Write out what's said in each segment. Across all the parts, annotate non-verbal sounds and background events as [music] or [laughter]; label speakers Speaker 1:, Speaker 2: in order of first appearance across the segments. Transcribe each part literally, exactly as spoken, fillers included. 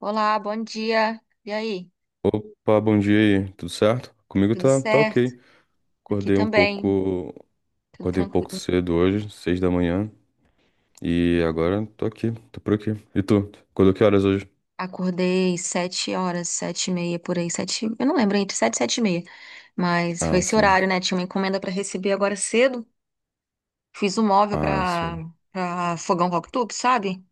Speaker 1: Olá, bom dia. E aí?
Speaker 2: Opa, bom dia aí, tudo certo? Comigo
Speaker 1: Tudo
Speaker 2: tá, tá
Speaker 1: certo?
Speaker 2: ok.
Speaker 1: Aqui
Speaker 2: Acordei um
Speaker 1: também,
Speaker 2: pouco,
Speaker 1: tudo
Speaker 2: acordei um pouco
Speaker 1: tranquilo.
Speaker 2: cedo hoje, seis da manhã, e agora tô aqui, tô por aqui. E tu? Acordou que horas hoje?
Speaker 1: Acordei sete horas, sete e meia por aí, sete. Eu não lembro entre sete e sete e meia, mas foi
Speaker 2: Ah,
Speaker 1: esse
Speaker 2: sim.
Speaker 1: horário, né? Tinha uma encomenda para receber agora cedo. Fiz um móvel
Speaker 2: Ah,
Speaker 1: para
Speaker 2: sim.
Speaker 1: para fogão Cooktop, sabe?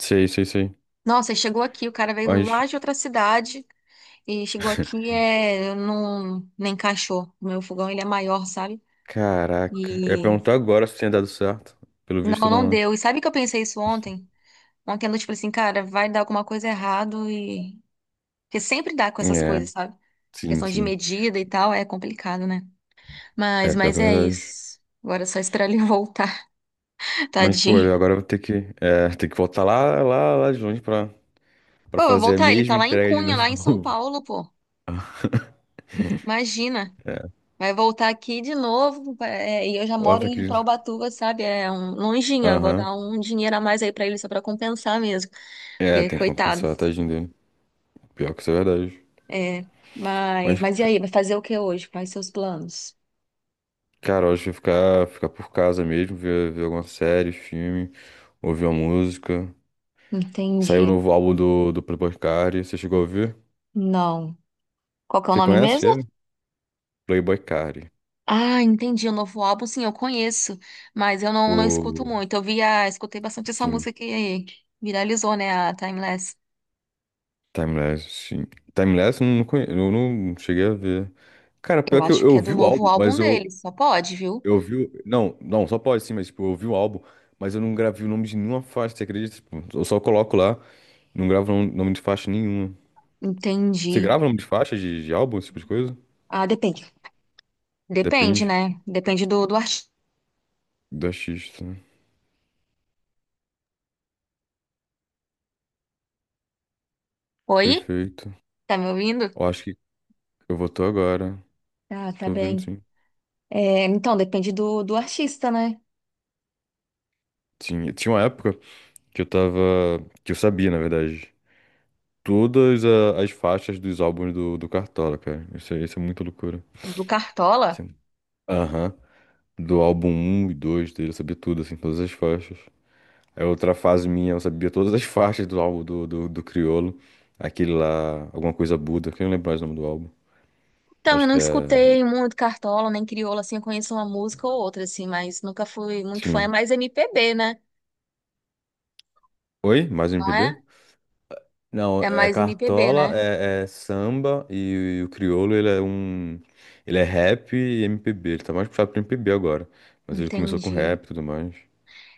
Speaker 2: Sei, sei, sei.
Speaker 1: Nossa, e chegou aqui, o cara veio
Speaker 2: Mas,
Speaker 1: lá de outra cidade e chegou aqui
Speaker 2: [laughs]
Speaker 1: é não nem encaixou. O meu fogão ele é maior, sabe?
Speaker 2: caraca, eu ia
Speaker 1: E
Speaker 2: perguntar agora se tinha dado certo. Pelo visto,
Speaker 1: não, não
Speaker 2: não,
Speaker 1: deu. E sabe que eu pensei isso ontem? Com aquela, tipo assim, cara, vai dar alguma coisa errado e. Porque sempre dá com essas
Speaker 2: né? É,
Speaker 1: coisas, sabe?
Speaker 2: sim,
Speaker 1: Questão de
Speaker 2: sim.
Speaker 1: medida e tal, é complicado, né?
Speaker 2: É,
Speaker 1: Mas,
Speaker 2: pior que
Speaker 1: mas
Speaker 2: é
Speaker 1: é
Speaker 2: verdade.
Speaker 1: isso. Agora é só esperar ele voltar, [laughs]
Speaker 2: Mas, pô,
Speaker 1: tadinho.
Speaker 2: eu agora vou ter que, é, ter que voltar lá, lá, lá de longe pra, pra
Speaker 1: Pô, vai
Speaker 2: fazer a
Speaker 1: voltar, ele tá
Speaker 2: mesma
Speaker 1: lá em
Speaker 2: entrega de
Speaker 1: Cunha, lá em São
Speaker 2: novo. [laughs]
Speaker 1: Paulo, pô. Imagina.
Speaker 2: É,
Speaker 1: Vai voltar aqui de novo. É, e eu já moro
Speaker 2: volta aqui
Speaker 1: em
Speaker 2: de novo.
Speaker 1: Ubatuba, sabe? É um longinho. Eu vou
Speaker 2: Aham.
Speaker 1: dar um dinheiro a mais aí pra ele só pra compensar mesmo.
Speaker 2: É,
Speaker 1: Porque,
Speaker 2: tem que
Speaker 1: coitado.
Speaker 2: compensar, tadinho dele. Pior que isso é verdade.
Speaker 1: É. Mas,
Speaker 2: Mas,
Speaker 1: mas e
Speaker 2: c-
Speaker 1: aí? Vai fazer o que hoje? Quais seus planos?
Speaker 2: cara, eu acho que eu ficar, ficar por casa mesmo, ver, ver alguma série, filme, ouvir uma música. Saiu
Speaker 1: Entendi.
Speaker 2: o novo álbum do, do Playboy Carti, você chegou a ouvir?
Speaker 1: Não. Qual que é o
Speaker 2: Você
Speaker 1: nome
Speaker 2: conhece
Speaker 1: mesmo?
Speaker 2: ele? Playboy Carti.
Speaker 1: Ah, entendi. O novo álbum, sim, eu conheço, mas eu não, não escuto
Speaker 2: O...
Speaker 1: muito. Eu via, escutei bastante essa
Speaker 2: Sim,
Speaker 1: música que viralizou, né? A Timeless.
Speaker 2: Timeless, sim. Timeless eu não, conhe... eu não cheguei a ver. Cara,
Speaker 1: Eu
Speaker 2: pior que eu,
Speaker 1: acho
Speaker 2: eu
Speaker 1: que é
Speaker 2: ouvi
Speaker 1: do
Speaker 2: o
Speaker 1: novo
Speaker 2: álbum,
Speaker 1: álbum
Speaker 2: mas eu,
Speaker 1: dele, só pode, viu?
Speaker 2: eu ouvi o... Não, não, só pode sim, mas tipo, eu ouvi o álbum, mas eu não gravei o nome de nenhuma faixa, você acredita? Tipo, eu só coloco lá, não gravo o nome de faixa nenhuma. Você
Speaker 1: Entendi.
Speaker 2: grava um nome de faixa, de, de álbum, esse tipo de coisa?
Speaker 1: Ah, depende. Depende,
Speaker 2: Depende
Speaker 1: né? Depende do, do artista.
Speaker 2: do artista, né?
Speaker 1: Oi?
Speaker 2: Perfeito.
Speaker 1: Tá me ouvindo?
Speaker 2: Eu acho que eu vou tô agora.
Speaker 1: Ah, tá
Speaker 2: Tô ouvindo,
Speaker 1: bem.
Speaker 2: sim.
Speaker 1: É, então, depende do, do artista, né?
Speaker 2: Tinha, tinha uma época que eu tava. Que eu sabia, na verdade. Todas a- as faixas dos álbuns do, do Cartola, cara. Isso, é- isso é muita loucura.
Speaker 1: Do Cartola.
Speaker 2: Sim. Aham. Do álbum um e dois, dele, eu sabia tudo, assim, todas as faixas. É outra fase minha, eu sabia todas as faixas do álbum do, do, do Criolo. Aquele lá, alguma coisa Buda, que eu não lembro mais o nome do álbum.
Speaker 1: Então, eu
Speaker 2: Acho
Speaker 1: não
Speaker 2: que é.
Speaker 1: escutei muito Cartola, nem Crioula, assim, eu conheço uma música ou outra, assim, mas nunca fui muito fã. É
Speaker 2: Sim.
Speaker 1: mais M P B, né?
Speaker 2: Oi? Mais um
Speaker 1: Não
Speaker 2: M P B?
Speaker 1: é?
Speaker 2: Não,
Speaker 1: É
Speaker 2: é
Speaker 1: mais M P B,
Speaker 2: Cartola,
Speaker 1: né?
Speaker 2: é, é samba e, o Criolo, ele é um... Ele é rap e M P B. Ele tá mais puxado pro M P B agora. Mas ele começou com
Speaker 1: Entendi.
Speaker 2: rap e tudo mais.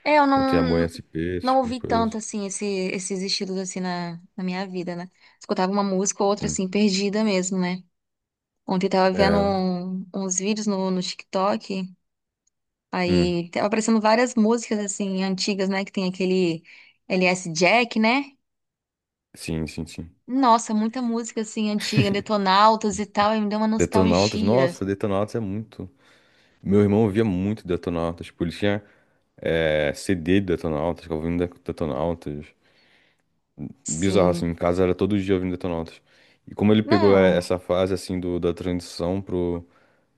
Speaker 1: É, eu
Speaker 2: Não tem amor em
Speaker 1: não,
Speaker 2: S P, esse
Speaker 1: não
Speaker 2: tipo de
Speaker 1: ouvi tanto,
Speaker 2: coisa.
Speaker 1: assim, esse, esses estilos, assim, na, na minha vida, né? Escutava uma música ou outra,
Speaker 2: Sim.
Speaker 1: assim, perdida mesmo, né? Ontem eu tava vendo
Speaker 2: É.
Speaker 1: um- uns vídeos no, no TikTok,
Speaker 2: Hum.
Speaker 1: aí tava aparecendo várias músicas, assim, antigas, né? Que tem aquele L S Jack, né?
Speaker 2: Sim, sim, sim.
Speaker 1: Nossa, muita música assim antiga, Detonautas e tal, e me deu uma
Speaker 2: Detonautas.
Speaker 1: nostalgia.
Speaker 2: Nossa, Detonautas é muito... Meu irmão ouvia muito Detonautas. Tipo, ele tinha é, C D de Detonautas, ficava ouvindo Detonautas. Bizarro,
Speaker 1: Sim.
Speaker 2: assim, em casa era todo dia ouvindo Detonautas. E como ele pegou é,
Speaker 1: Não.
Speaker 2: essa fase, assim, do, da transição pro,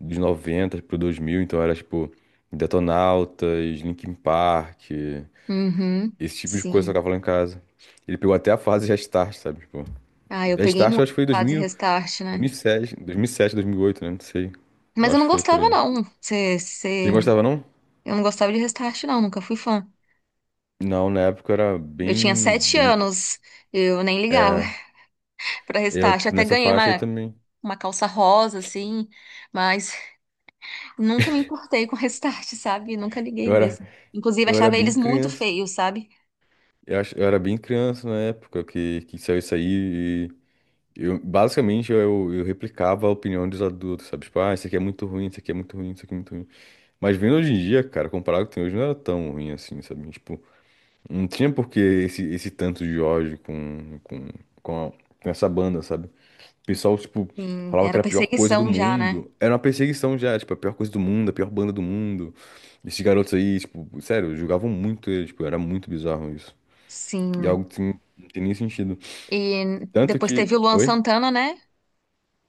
Speaker 2: dos noventa pro dois mil, então era, tipo, Detonautas, Linkin Park,
Speaker 1: Uhum.
Speaker 2: esse tipo de coisa que eu
Speaker 1: Sim.
Speaker 2: tocava lá em casa. Ele pegou até a fase Restart, sabe, tipo...
Speaker 1: Ah, eu peguei
Speaker 2: Restart eu
Speaker 1: muito
Speaker 2: acho que foi
Speaker 1: a
Speaker 2: dois dois
Speaker 1: fase Restart,
Speaker 2: dois
Speaker 1: né?
Speaker 2: mil e sete, dois mil e sete, dois mil, dois mil e sete, dois mil e sete, dois mil e oito, né, não sei.
Speaker 1: Mas
Speaker 2: Eu
Speaker 1: eu
Speaker 2: acho
Speaker 1: não
Speaker 2: que foi por
Speaker 1: gostava,
Speaker 2: aí.
Speaker 1: não. Cê,
Speaker 2: Você
Speaker 1: cê...
Speaker 2: gostava, não?
Speaker 1: Eu não gostava de Restart, não, nunca fui fã.
Speaker 2: Não, na época eu era
Speaker 1: Eu tinha
Speaker 2: bem,
Speaker 1: sete
Speaker 2: bem...
Speaker 1: anos, eu nem ligava
Speaker 2: É,
Speaker 1: [laughs] pra
Speaker 2: eu
Speaker 1: Restart. Eu até
Speaker 2: nessa
Speaker 1: ganhei
Speaker 2: faixa aí
Speaker 1: uma,
Speaker 2: também.
Speaker 1: uma calça rosa, assim, mas nunca me importei com [laughs] Restart, sabe? Nunca liguei
Speaker 2: Eu era,
Speaker 1: mesmo. Inclusive,
Speaker 2: eu era
Speaker 1: achava
Speaker 2: bem
Speaker 1: eles muito
Speaker 2: criança.
Speaker 1: feios, sabe?
Speaker 2: Eu, acho, eu era bem criança na época que, que saiu isso aí e eu, basicamente eu, eu replicava a opinião dos adultos, sabe? Tipo, ah, isso aqui é muito ruim, isso aqui é muito ruim, isso aqui é muito ruim. Mas vendo hoje em dia, cara, comparado com o que tem hoje, não era tão ruim assim, sabe? Tipo, não tinha por que esse, esse tanto de ódio com, com, com, a- com essa banda, sabe? O pessoal, tipo,
Speaker 1: Sim,
Speaker 2: falava que
Speaker 1: era
Speaker 2: era a pior coisa do
Speaker 1: perseguição já, né?
Speaker 2: mundo. Era uma perseguição já, tipo, a pior coisa do mundo, a pior banda do mundo. Esses garotos aí, tipo, sério, julgavam muito eles, tipo, era muito bizarro isso. E algo
Speaker 1: Sim.
Speaker 2: que não tem nem sentido.
Speaker 1: E
Speaker 2: Tanto
Speaker 1: depois
Speaker 2: que.
Speaker 1: teve o Luan
Speaker 2: Oi?
Speaker 1: Santana, né?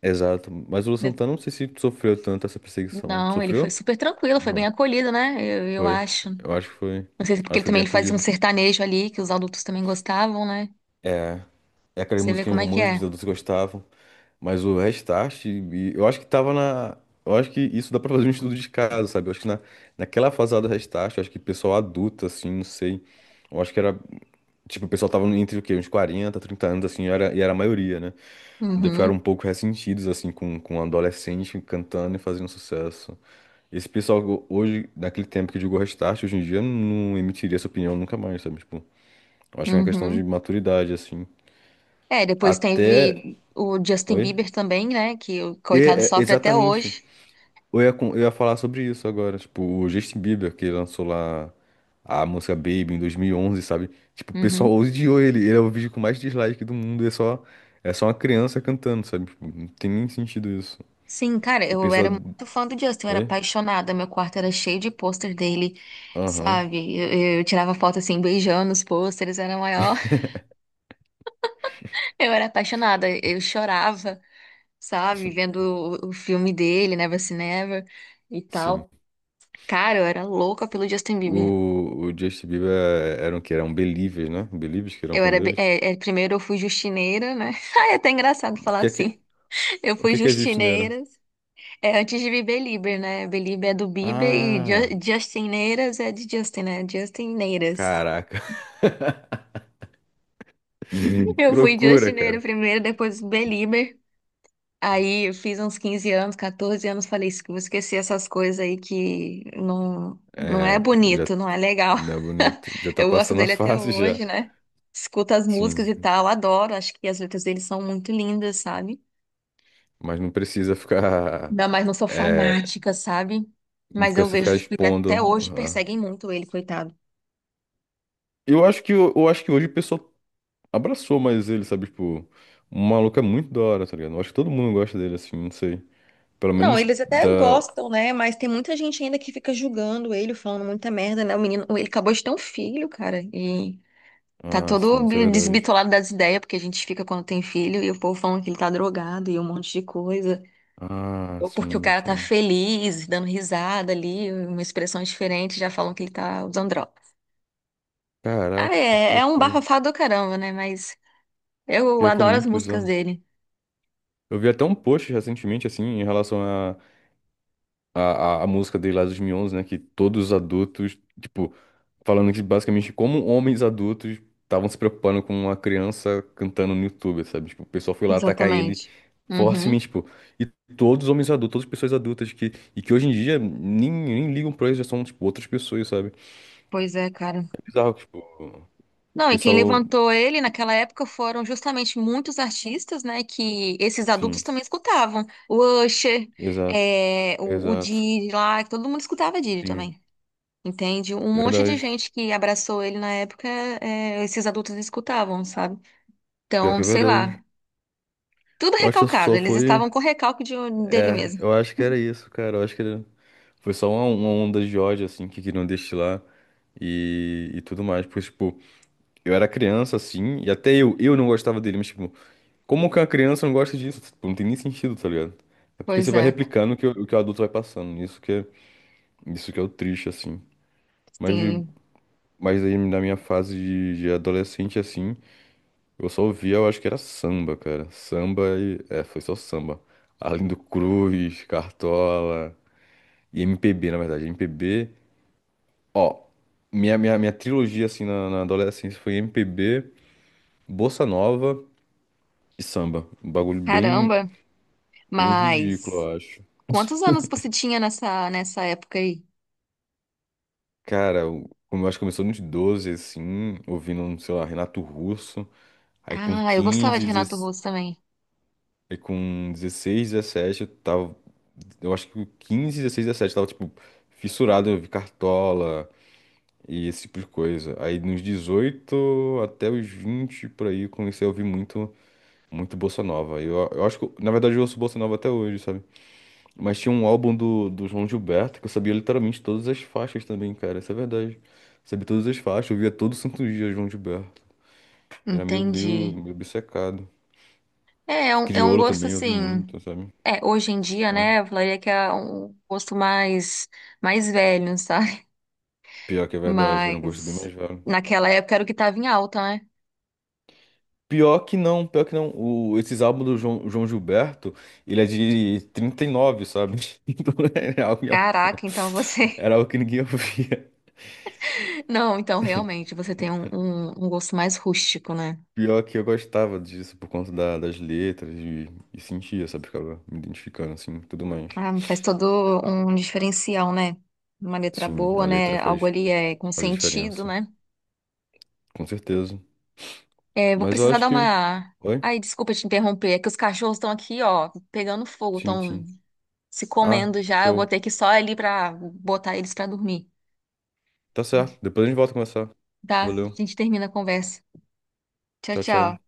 Speaker 2: Exato. Mas o Lu
Speaker 1: De-
Speaker 2: Santana, não sei se sofreu tanto essa perseguição.
Speaker 1: Não, ele foi
Speaker 2: Sofreu?
Speaker 1: super tranquilo, foi bem
Speaker 2: Não.
Speaker 1: acolhido, né? Eu, eu
Speaker 2: Foi.
Speaker 1: acho.
Speaker 2: Eu acho que foi.
Speaker 1: Não sei se é
Speaker 2: Acho
Speaker 1: porque
Speaker 2: que
Speaker 1: ele
Speaker 2: foi
Speaker 1: também
Speaker 2: bem
Speaker 1: ele fazia um
Speaker 2: acolhido.
Speaker 1: sertanejo ali, que os adultos também gostavam, né?
Speaker 2: É É aquelas
Speaker 1: Você vê
Speaker 2: musiquinhas
Speaker 1: como é que
Speaker 2: românticas que
Speaker 1: é.
Speaker 2: todos gostavam. Mas o Restart, e- eu acho que tava na. Eu acho que isso dá pra fazer um estudo de caso, sabe? Eu acho que na, naquela fase lá do Restart, eu acho que pessoal adulto, assim, não sei. Eu acho que era. Tipo, o pessoal tava entre o quê? Uns quarenta, trinta anos, assim, e era, e era a maioria, né? Daí ficaram um
Speaker 1: Uhum,
Speaker 2: pouco ressentidos, assim, com, com um adolescente cantando e fazendo sucesso. Esse pessoal, go- hoje, naquele tempo que jogou Restart, hoje em dia não emitiria essa opinião nunca mais, sabe? Tipo, eu acho que é uma questão de
Speaker 1: uhum.
Speaker 2: maturidade, assim.
Speaker 1: É, depois
Speaker 2: Até.
Speaker 1: teve o Justin
Speaker 2: Oi?
Speaker 1: Bieber também, né? Que o
Speaker 2: E,
Speaker 1: coitado
Speaker 2: é, é,
Speaker 1: sofre até
Speaker 2: exatamente.
Speaker 1: hoje.
Speaker 2: Eu ia, com- eu ia falar sobre isso agora. Tipo, o Justin Bieber, que lançou lá a música Baby em dois mil e onze, sabe? Tipo, o pessoal
Speaker 1: Uhum.
Speaker 2: odiou ele. Ele é o vídeo com mais dislike do mundo. É só, é só uma criança cantando, sabe? Tipo, não tem nem sentido isso.
Speaker 1: Sim, cara,
Speaker 2: E o
Speaker 1: eu era
Speaker 2: pessoal.
Speaker 1: muito fã do Justin, eu era
Speaker 2: Oi?
Speaker 1: apaixonada. Meu quarto era cheio de pôster dele,
Speaker 2: Aham,
Speaker 1: sabe? Eu, eu tirava foto assim, beijando os pôsteres, era a maior. Eu era apaixonada, eu chorava, sabe, vendo o, o filme dele, Never Say Never e
Speaker 2: sim.
Speaker 1: tal. Cara, eu era louca pelo Justin Bieber.
Speaker 2: O, o Justin Bieber é- eram que eram Believers, né? Believers que eram
Speaker 1: Eu
Speaker 2: fã
Speaker 1: era, be-
Speaker 2: deles.
Speaker 1: é, é, primeiro eu fui justineira, né? [laughs] Ai, é até engraçado
Speaker 2: O
Speaker 1: falar
Speaker 2: que é que,
Speaker 1: assim. Eu
Speaker 2: o
Speaker 1: fui
Speaker 2: que que é Justineira?
Speaker 1: justineiras, é, antes de Bieber, né? Bieber é do Bieber e Ju-
Speaker 2: Ah,
Speaker 1: Justineiras é de Justin, né? Justineiras.
Speaker 2: caraca. [laughs]
Speaker 1: [laughs] Eu
Speaker 2: Que
Speaker 1: fui
Speaker 2: loucura,
Speaker 1: justineira
Speaker 2: cara.
Speaker 1: primeiro, depois Belieber. Aí eu fiz uns quinze anos, quatorze anos, falei, "Esque- vou esquecer essas coisas aí que não, não é
Speaker 2: É, já
Speaker 1: bonito, não é legal."
Speaker 2: não é
Speaker 1: [laughs]
Speaker 2: bonito. Já tá
Speaker 1: Eu gosto
Speaker 2: passando a
Speaker 1: dele até
Speaker 2: fase já.
Speaker 1: hoje, né? Escuto as músicas e
Speaker 2: Sim,
Speaker 1: tal, adoro, acho que as letras dele são muito lindas, sabe?
Speaker 2: mas não precisa ficar
Speaker 1: Não, mas não sou
Speaker 2: é,
Speaker 1: fanática, sabe?
Speaker 2: não
Speaker 1: Mas eu
Speaker 2: precisa ficar
Speaker 1: vejo que até
Speaker 2: expondo.
Speaker 1: hoje
Speaker 2: Aham.
Speaker 1: perseguem muito ele, coitado.
Speaker 2: Eu acho que eu, acho que hoje o pessoal abraçou mais ele, sabe? Tipo, o maluco é muito da hora, tá ligado? Eu acho que todo mundo gosta dele assim, não sei. Pelo
Speaker 1: Não,
Speaker 2: menos
Speaker 1: eles até
Speaker 2: da.
Speaker 1: gostam, né? Mas tem muita gente ainda que fica julgando ele, falando muita merda, né? O menino, ele acabou de ter um filho, cara, e tá
Speaker 2: Ah, sim,
Speaker 1: todo
Speaker 2: isso é verdade.
Speaker 1: desbitolado das ideias, porque a gente fica quando tem filho e o povo falando que ele tá drogado e um monte de coisa.
Speaker 2: Ah,
Speaker 1: Ou porque o
Speaker 2: sim,
Speaker 1: cara tá
Speaker 2: sim.
Speaker 1: feliz, dando risada ali, uma expressão diferente, já falam que ele tá usando droga. Ah,
Speaker 2: Caraca, que
Speaker 1: é, é um
Speaker 2: loucura.
Speaker 1: bafafá do caramba, né? Mas eu
Speaker 2: Pior que é
Speaker 1: adoro as
Speaker 2: muito
Speaker 1: músicas
Speaker 2: bizarro.
Speaker 1: dele.
Speaker 2: Eu vi até um post recentemente, assim, em relação à a, a, música dele lá de dois mil e onze, né? Que todos os adultos, tipo, falando que basicamente como homens adultos estavam se preocupando com uma criança cantando no YouTube, sabe? Tipo, o pessoal foi lá atacar ele
Speaker 1: Exatamente. Uhum.
Speaker 2: fortemente, tipo. E todos os homens adultos, todas as pessoas adultas que, e que hoje em dia nem, nem ligam pra isso, já são, tipo, outras pessoas, sabe?
Speaker 1: Pois é, cara.
Speaker 2: É bizarro, tipo.
Speaker 1: Não, e quem
Speaker 2: Pessoal,
Speaker 1: levantou ele naquela época foram justamente muitos artistas, né, que esses adultos
Speaker 2: sim,
Speaker 1: também escutavam. O Usher,
Speaker 2: exato,
Speaker 1: é, o, o
Speaker 2: exato,
Speaker 1: Didi lá, que todo mundo escutava Didi
Speaker 2: sim,
Speaker 1: também, entende? Um monte de
Speaker 2: verdade,
Speaker 1: gente que abraçou ele na época, é, esses adultos escutavam, sabe?
Speaker 2: pior
Speaker 1: Então,
Speaker 2: que é
Speaker 1: sei lá,
Speaker 2: verdade.
Speaker 1: tudo
Speaker 2: Eu acho que
Speaker 1: recalcado,
Speaker 2: só
Speaker 1: eles estavam
Speaker 2: foi,
Speaker 1: com recalque de, dele
Speaker 2: é,
Speaker 1: mesmo.
Speaker 2: eu acho que era isso, cara, eu acho que era, foi só uma, uma onda de ódio, assim, que queriam destilar e, e tudo mais, pois, tipo, eu era criança, assim, e até eu, eu não gostava dele, mas, tipo, como que uma criança não gosta disso? Tipo, não tem nem sentido, tá ligado? É porque você
Speaker 1: Pois
Speaker 2: vai
Speaker 1: é,
Speaker 2: replicando o que o, o que o adulto vai passando, isso que é, isso que é o triste, assim, mas, de-
Speaker 1: sim,
Speaker 2: mas aí na minha fase de de adolescente, assim... Eu só ouvia, eu acho que era samba, cara. Samba e. É, foi só samba. Arlindo Cruz, Cartola e M P B, na verdade. M P B. Ó, minha, minha, minha trilogia, assim, na, na adolescência foi M P B, Bossa Nova e samba. Um bagulho bem,
Speaker 1: caramba.
Speaker 2: bem ridículo,
Speaker 1: Mas
Speaker 2: eu acho.
Speaker 1: quantos anos você tinha nessa, nessa época aí?
Speaker 2: Cara, eu, como eu acho que começou nos doze assim, ouvindo, sei lá, Renato Russo. Aí com
Speaker 1: Ah, eu gostava
Speaker 2: quinze,
Speaker 1: de Renato Russo também.
Speaker 2: e com dezesseis, dezessete eu tava. Eu acho que com quinze, dezesseis, dezessete eu tava, tipo, fissurado, eu vi Cartola e esse tipo de coisa. Aí nos dezoito até os vinte por aí, eu comecei a ouvir muito, muito Bossa Nova. Eu, eu acho que, na verdade, eu ouço Bossa Nova até hoje, sabe? Mas tinha um álbum do, do João Gilberto que eu sabia literalmente todas as faixas também, cara. Isso é verdade. Sabia todas as faixas, eu via todo santo dia João Gilberto. Era meio,
Speaker 1: Entendi.
Speaker 2: meio, meio obcecado.
Speaker 1: É, é um, é um
Speaker 2: Criolo
Speaker 1: gosto
Speaker 2: também, eu ouvi
Speaker 1: assim.
Speaker 2: muito, sabe?
Speaker 1: É, hoje em dia,
Speaker 2: Ah,
Speaker 1: né? Eu falaria que é um gosto mais, mais velho, [laughs] sabe?
Speaker 2: pior que é verdade, era um gosto bem
Speaker 1: Mas
Speaker 2: mais velho.
Speaker 1: naquela época era o que tava em alta, né?
Speaker 2: Pior que não, pior que não. O, esses álbuns do João, João Gilberto, ele é de trinta e nove, sabe? [laughs] Então não é algo em alto, não.
Speaker 1: Caraca, então você.
Speaker 2: Era algo que ninguém [laughs] ouvia.
Speaker 1: [laughs] Não, então realmente você tem um, um, um gosto mais rústico, né?
Speaker 2: Pior que eu gostava disso por conta da- das letras e, e, sentia, sabe? Ficava me identificando, assim, e tudo mais.
Speaker 1: Ah, faz todo um diferencial, né? Uma letra
Speaker 2: Sim, a
Speaker 1: boa, né?
Speaker 2: letra
Speaker 1: Algo
Speaker 2: faz,
Speaker 1: ali é com
Speaker 2: faz a
Speaker 1: sentido,
Speaker 2: diferença,
Speaker 1: né?
Speaker 2: com certeza.
Speaker 1: É, vou
Speaker 2: Mas eu
Speaker 1: precisar
Speaker 2: acho
Speaker 1: dar
Speaker 2: que.
Speaker 1: uma.
Speaker 2: Oi?
Speaker 1: Ai, desculpa te interromper, é que os cachorros estão aqui, ó, pegando fogo,
Speaker 2: Sim,
Speaker 1: estão
Speaker 2: sim.
Speaker 1: se
Speaker 2: Ah,
Speaker 1: comendo já. Eu vou
Speaker 2: show.
Speaker 1: ter que ir só ali pra botar eles pra dormir,
Speaker 2: Tá certo. Depois a gente volta a conversar.
Speaker 1: tá? A
Speaker 2: Valeu.
Speaker 1: gente termina a conversa. Tchau,
Speaker 2: Tchau,
Speaker 1: tchau.
Speaker 2: tchau.